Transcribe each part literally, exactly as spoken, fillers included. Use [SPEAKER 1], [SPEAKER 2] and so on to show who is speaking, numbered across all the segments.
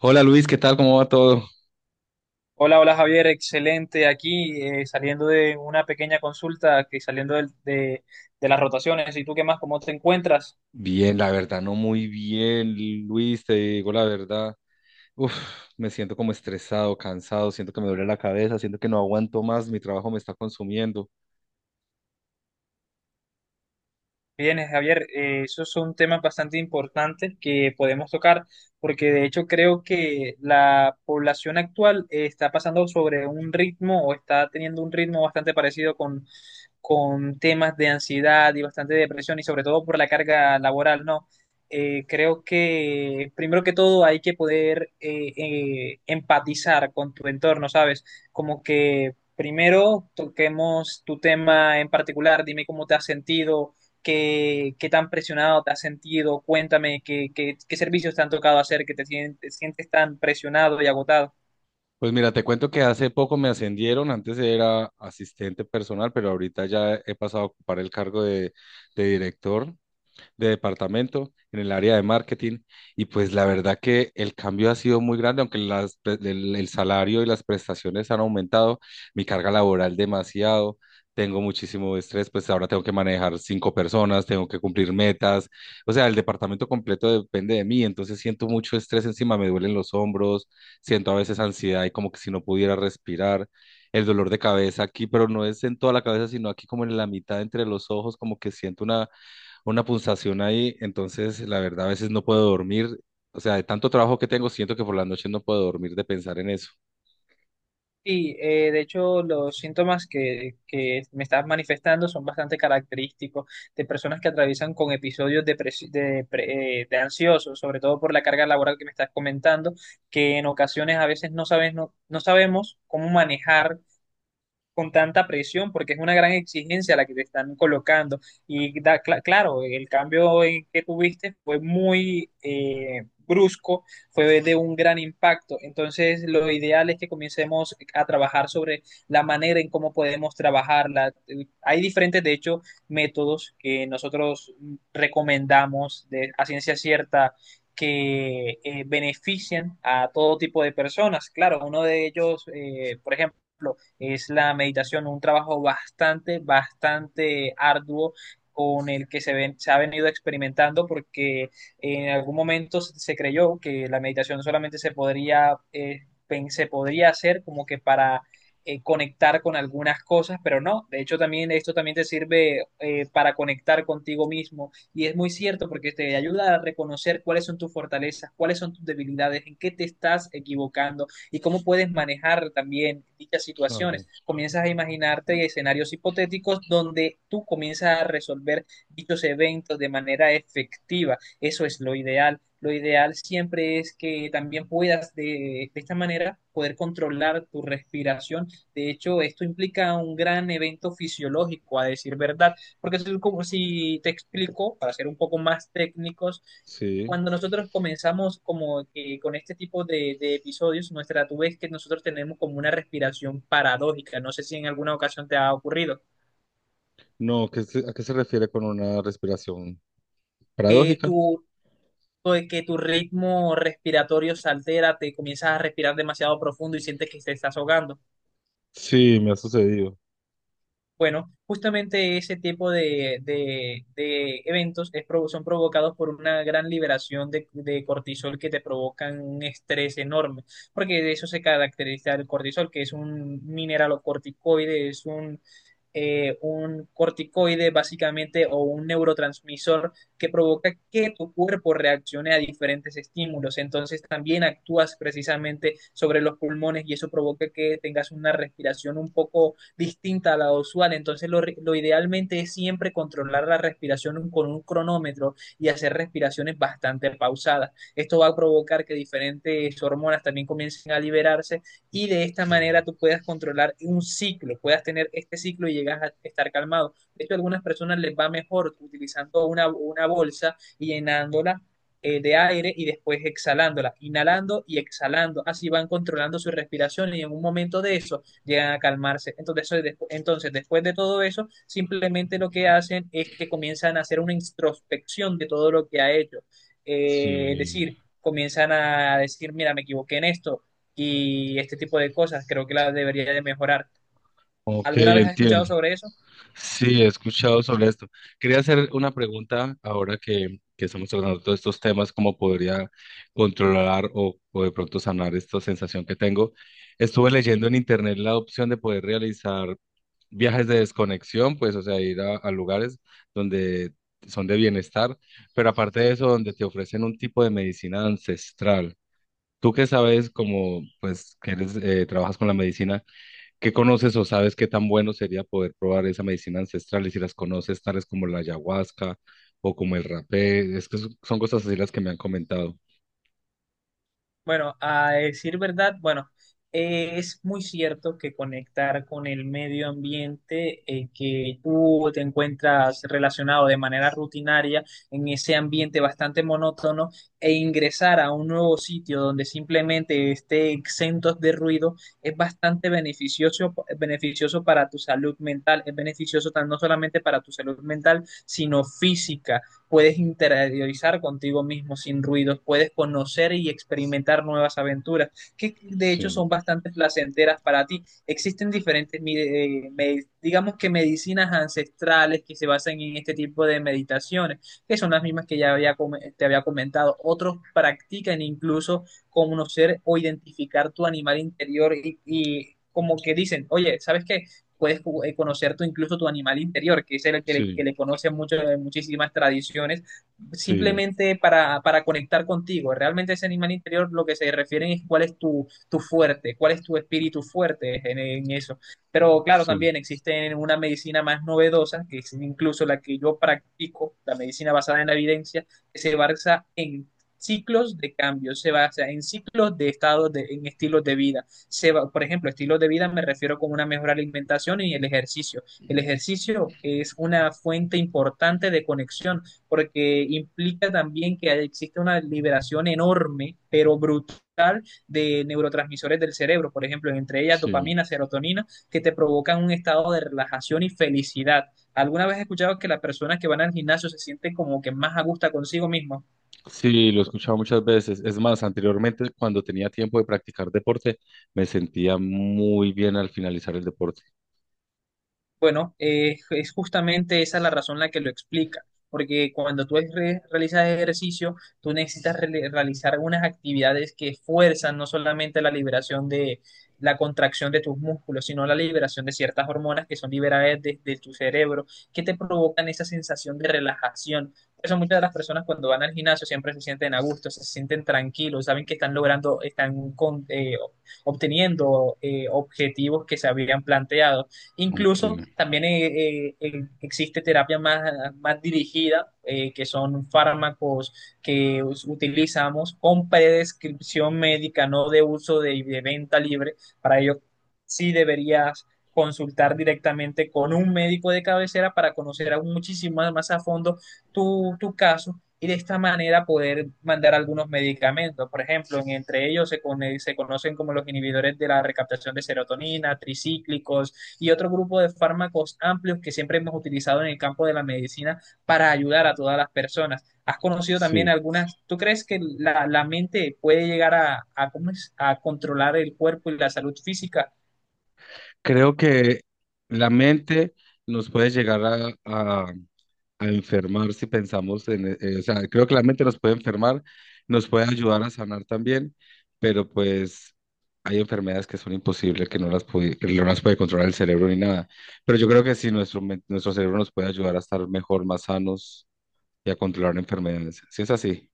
[SPEAKER 1] Hola Luis, ¿qué tal? ¿Cómo va todo?
[SPEAKER 2] Hola, hola Javier, excelente. Aquí eh, saliendo de una pequeña consulta, que saliendo del- de, de las rotaciones. ¿Y tú qué más? ¿Cómo te encuentras?
[SPEAKER 1] Bien, la verdad, no muy bien, Luis, te digo la verdad. Uf, Me siento como estresado, cansado, siento que me duele la cabeza, siento que no aguanto más, mi trabajo me está consumiendo.
[SPEAKER 2] Bien, Javier, eh, esos son temas bastante importantes que podemos tocar, porque de hecho creo que la población actual eh, está pasando sobre un ritmo o está teniendo un ritmo bastante parecido con, con temas de ansiedad y bastante depresión y sobre todo por la carga laboral, ¿no? Eh, creo que primero que todo hay que poder eh, eh, empatizar con tu entorno, ¿sabes? Como que primero toquemos tu tema en particular, dime cómo te has sentido. ¿Qué, qué tan presionado te has sentido? Cuéntame qué, qué, qué servicios te han tocado hacer que te sientes, sientes tan presionado y agotado.
[SPEAKER 1] Pues mira, te cuento que hace poco me ascendieron, antes era asistente personal, pero ahorita ya he pasado a ocupar el cargo de, de director de departamento en el área de marketing, y pues la verdad que el cambio ha sido muy grande, aunque las pre- el, el salario y las prestaciones han aumentado, mi carga laboral demasiado. Tengo muchísimo estrés, pues ahora tengo que manejar cinco personas, tengo que cumplir metas, o sea, el departamento completo depende de mí, entonces siento mucho estrés encima, me duelen los hombros, siento a veces ansiedad y como que si no pudiera respirar, el dolor de cabeza aquí, pero no es en toda la cabeza, sino aquí como en la mitad entre los ojos, como que siento una una pulsación ahí, entonces la verdad a veces no puedo dormir. O sea, de tanto trabajo que tengo, siento que por la noche no puedo dormir de pensar en eso.
[SPEAKER 2] Sí, eh, de hecho los síntomas que, que me estás manifestando son bastante característicos de personas que atraviesan con episodios de, pres- de, pre- eh, de ansiosos, sobre todo por la carga laboral que me estás comentando, que en ocasiones a veces no sabes, no, no sabemos cómo manejar con tanta presión, porque es una gran exigencia la que te están colocando. Y da- cla- claro, el cambio en que tuviste fue muy eh, brusco, fue de un gran impacto. Entonces, lo ideal es que comencemos a trabajar sobre la manera en cómo podemos trabajarla. Hay diferentes, de hecho, métodos que nosotros recomendamos de, a ciencia cierta, que eh, benefician a todo tipo de personas. Claro, uno de ellos, eh, por ejemplo, es la meditación, un trabajo bastante, bastante arduo con el que se, ven- se ha venido experimentando porque en algún momento se, creyó que la meditación solamente se podría, eh, se podría hacer como que para eh, conectar con algunas cosas, pero no, de hecho también esto también te sirve eh, para conectar contigo mismo y es muy cierto porque te ayuda a reconocer cuáles son tus fortalezas, cuáles son tus debilidades, en qué te estás equivocando y cómo puedes manejar también dichas
[SPEAKER 1] Claro,
[SPEAKER 2] situaciones. Comienzas a imaginarte escenarios hipotéticos donde tú comienzas a resolver dichos eventos de manera efectiva. Eso es lo ideal. Lo ideal siempre es que también puedas de, de esta manera poder controlar tu respiración. De hecho, esto implica un gran evento fisiológico, a decir verdad, porque es como si te explico, para ser un poco más técnicos,
[SPEAKER 1] sí.
[SPEAKER 2] cuando nosotros comenzamos como que con este tipo de, de episodios, nuestra tú ves que nosotros tenemos como una respiración paradójica. No sé si en alguna ocasión te ha ocurrido
[SPEAKER 1] No, ¿qué se- ¿a qué se refiere con una respiración
[SPEAKER 2] que
[SPEAKER 1] paradójica?
[SPEAKER 2] tu, pues, que tu ritmo respiratorio se altera, te comienzas a respirar demasiado profundo y sientes que te estás ahogando.
[SPEAKER 1] Sí, me ha sucedido.
[SPEAKER 2] Bueno, justamente ese tipo de, de- de eventos es provo- son provocados por una gran liberación de, de cortisol que te provocan un estrés enorme, porque de eso se caracteriza el cortisol, que es un mineralocorticoide, es un eh, un corticoide básicamente o un neurotransmisor que provoca que tu cuerpo reaccione a diferentes estímulos. Entonces también actúas precisamente sobre los pulmones y eso provoca que tengas una respiración un poco distinta a la usual. Entonces lo, lo idealmente es siempre controlar la respiración con un cronómetro y hacer respiraciones bastante pausadas. Esto va a provocar que diferentes hormonas también comiencen a liberarse y de esta
[SPEAKER 1] Sí.
[SPEAKER 2] manera tú puedas controlar un ciclo, puedas tener este ciclo y llegas a estar calmado. De hecho, a algunas personas les va mejor utilizando una, una bolsa y llenándola eh, de aire y después exhalándola, inhalando y exhalando. Así van controlando su respiración y en un momento de eso llegan a calmarse. Entonces, después, entonces después de todo eso, simplemente lo que hacen es que comienzan a hacer una introspección de todo lo que ha hecho. Eh, es
[SPEAKER 1] Sí.
[SPEAKER 2] decir, comienzan a decir, mira, me equivoqué en esto, y este tipo de cosas. Creo que la debería de mejorar.
[SPEAKER 1] Ok,
[SPEAKER 2] ¿Alguna vez has escuchado
[SPEAKER 1] entiendo.
[SPEAKER 2] sobre eso?
[SPEAKER 1] Sí, he escuchado sobre esto. Quería hacer una pregunta ahora que, que estamos tratando todos estos temas, cómo podría controlar o, o de pronto sanar esta sensación que tengo. Estuve leyendo en internet la opción de poder realizar viajes de desconexión, pues, o sea, ir a, a lugares donde son de bienestar, pero aparte de eso, donde te ofrecen un tipo de medicina ancestral. Tú que sabes, como, pues, que eres, eh, trabajas con la medicina. ¿Qué conoces o sabes qué tan bueno sería poder probar esa medicina ancestral, y si las conoces, tales como la ayahuasca o como el rapé? Es que son son cosas así las que me han comentado.
[SPEAKER 2] Bueno, a decir verdad, bueno, eh, es muy cierto que conectar con el medio ambiente eh, que tú te encuentras relacionado de manera rutinaria en ese ambiente bastante monótono e ingresar a un nuevo sitio donde simplemente esté exentos de ruido es bastante beneficioso, beneficioso para tu salud mental, es beneficioso tan- no solamente para tu salud mental, sino física, puedes interiorizar contigo mismo sin ruidos, puedes conocer y experimentar nuevas aventuras, que de hecho
[SPEAKER 1] Sí,
[SPEAKER 2] son bastante placenteras para ti. Existen diferentes, eh, me- digamos que medicinas ancestrales que se basan en este tipo de meditaciones, que son las mismas que ya había, com- te había comentado. Otros practican incluso conocer o identificar tu animal interior y, y como que dicen, oye, ¿sabes qué? Puedes conocer tu, incluso tu animal interior, que es el que le, que
[SPEAKER 1] sí,
[SPEAKER 2] le conoce mucho, eh, muchísimas tradiciones,
[SPEAKER 1] sí,
[SPEAKER 2] simplemente para, para conectar contigo. Realmente ese animal interior lo que se refieren es cuál es tu, tu fuerte, cuál es tu espíritu fuerte en, en, eso. Pero claro,
[SPEAKER 1] sí,
[SPEAKER 2] también existe una medicina más novedosa, que es incluso la que yo practico, la medicina basada en la evidencia, que se basa en ciclos de cambio, se basa en ciclos de estados, de, en estilos de vida se va, por ejemplo, estilo de vida me refiero con una mejor alimentación y el ejercicio. El ejercicio es una fuente importante de conexión porque implica también que existe una liberación enorme, pero brutal de neurotransmisores del cerebro, por ejemplo, entre ellas
[SPEAKER 1] sí.
[SPEAKER 2] dopamina, serotonina, que te provocan un estado de relajación y felicidad. ¿Alguna vez has escuchado que las personas que van al gimnasio se sienten como que más a gusto consigo mismas?
[SPEAKER 1] Sí, lo he escuchado muchas veces. Es más, anteriormente, cuando tenía tiempo de practicar deporte, me sentía muy bien al finalizar el deporte.
[SPEAKER 2] Bueno, eh, es justamente esa la razón la que lo explica, porque cuando tú re- realizas ejercicio, tú necesitas rele- realizar unas actividades que fuerzan no solamente la liberación de la contracción de tus músculos, sino la liberación de ciertas hormonas que son liberadas desde tu cerebro, que te provocan esa sensación de relajación. Por eso muchas de las personas cuando van al gimnasio siempre se sienten a gusto, se sienten tranquilos, saben que están logrando, están con- eh, obteniendo eh, objetivos que se habían planteado.
[SPEAKER 1] Aunque,
[SPEAKER 2] Incluso también eh, eh, eh, existe terapia más, más dirigida, eh, que son fármacos que us- utilizamos con prescripción médica, no de uso de, de venta libre. Para ello, sí deberías consultar directamente con un médico de cabecera para conocer aún muchísimo más a fondo tu, tu caso y de esta manera poder mandar algunos medicamentos. Por ejemplo, entre ellos se, con, se, conocen como los inhibidores de la recaptación de serotonina, tricíclicos y otro grupo de fármacos amplios que siempre hemos utilizado en el campo de la medicina para ayudar a todas las personas. ¿Has conocido también
[SPEAKER 1] sí.
[SPEAKER 2] algunas? ¿Tú crees que la, la mente puede llegar a, a, cómo es, a controlar el cuerpo y la salud física?
[SPEAKER 1] Creo que la mente nos puede llegar a, a- a enfermar si pensamos en, eh, eh, o sea, creo que la mente nos puede enfermar, nos puede ayudar a sanar también, pero pues hay enfermedades que son imposibles, que no las puede, que no las puede controlar el cerebro ni nada. Pero yo creo que sí, nuestro, men- nuestro cerebro nos puede ayudar a estar mejor, más sanos y a controlar enfermedades. ¿Si es así?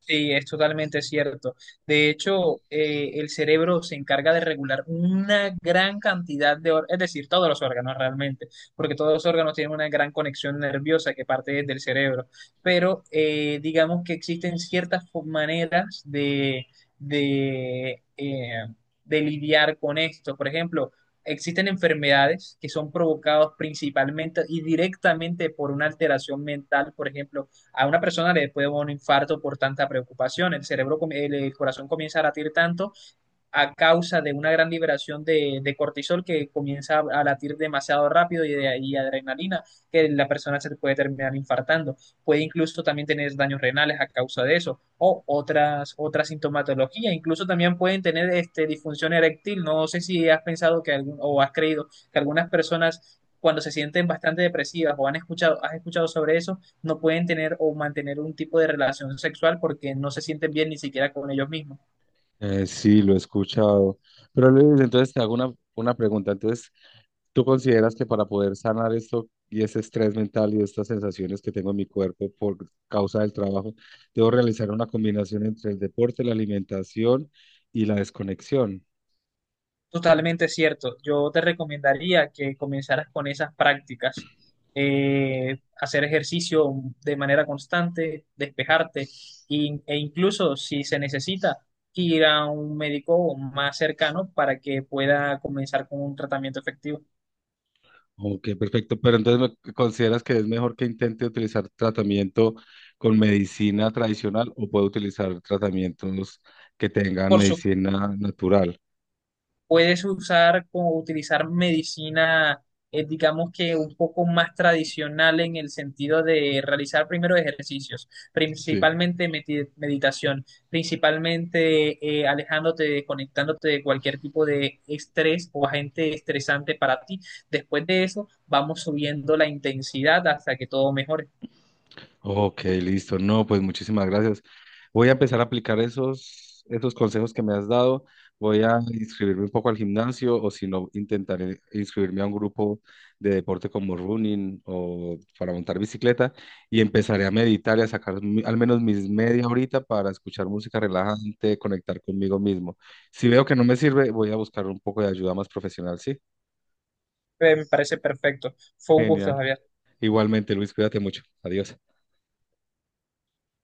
[SPEAKER 2] Sí, es totalmente cierto. De hecho, eh, el cerebro se encarga de regular una gran cantidad de órganos, es decir, todos los órganos realmente, porque todos los órganos tienen una gran conexión nerviosa que parte desde el cerebro. Pero eh, digamos que existen ciertas fo- maneras de, de, eh, de lidiar con esto. Por ejemplo, existen enfermedades que son provocadas principalmente y directamente por una alteración mental, por ejemplo a una persona le puede dar un infarto por tanta preocupación, el cerebro, el corazón comienza a latir tanto a causa de una gran liberación de, de cortisol que comienza a, a latir demasiado rápido y, de, y adrenalina, que la persona se puede terminar infartando. Puede incluso también tener daños renales a causa de eso o otras, otra sintomatología. Incluso también pueden tener este, disfunción eréctil. No sé si has pensado que algún, o has creído que algunas personas cuando se sienten bastante depresivas o han escuchado, has escuchado sobre eso, no pueden tener o mantener un tipo de relación sexual porque no se sienten bien ni siquiera con ellos mismos.
[SPEAKER 1] Eh, sí, lo he escuchado. Pero Luis, entonces te hago una, una pregunta. Entonces, ¿tú consideras que para poder sanar esto y ese estrés mental y estas sensaciones que tengo en mi cuerpo por causa del trabajo, debo realizar una combinación entre el deporte, la alimentación y la desconexión?
[SPEAKER 2] Totalmente cierto. Yo te recomendaría que comenzaras con esas prácticas. Eh, hacer ejercicio de manera constante, despejarte y- e incluso si se necesita ir a un médico más cercano para que pueda comenzar con un tratamiento efectivo.
[SPEAKER 1] Ok, perfecto. Pero entonces, ¿me ¿consideras que es mejor que intente utilizar tratamiento con medicina tradicional, o puedo utilizar tratamientos que tengan
[SPEAKER 2] Por su-
[SPEAKER 1] medicina natural?
[SPEAKER 2] puedes usar como utilizar medicina, eh, digamos que un poco más tradicional en el sentido de realizar primero ejercicios,
[SPEAKER 1] Sí.
[SPEAKER 2] principalmente meti- meditación, principalmente eh, alejándote, desconectándote de cualquier tipo de estrés o agente estresante para ti. Después de eso, vamos subiendo la intensidad hasta que todo mejore.
[SPEAKER 1] Ok, listo. No, pues muchísimas gracias. Voy a empezar a aplicar esos, esos consejos que me has dado. Voy a inscribirme un poco al gimnasio o, si no, intentaré inscribirme a un grupo de deporte como running o para montar bicicleta, y empezaré a meditar y a sacar mi- al menos mis media horita para escuchar música relajante, conectar conmigo mismo. Si veo que no me sirve, voy a buscar un poco de ayuda más profesional, ¿sí?
[SPEAKER 2] Eh, Me parece perfecto. Fue un gusto,
[SPEAKER 1] Genial.
[SPEAKER 2] Javier.
[SPEAKER 1] Igualmente, Luis, cuídate mucho. Adiós.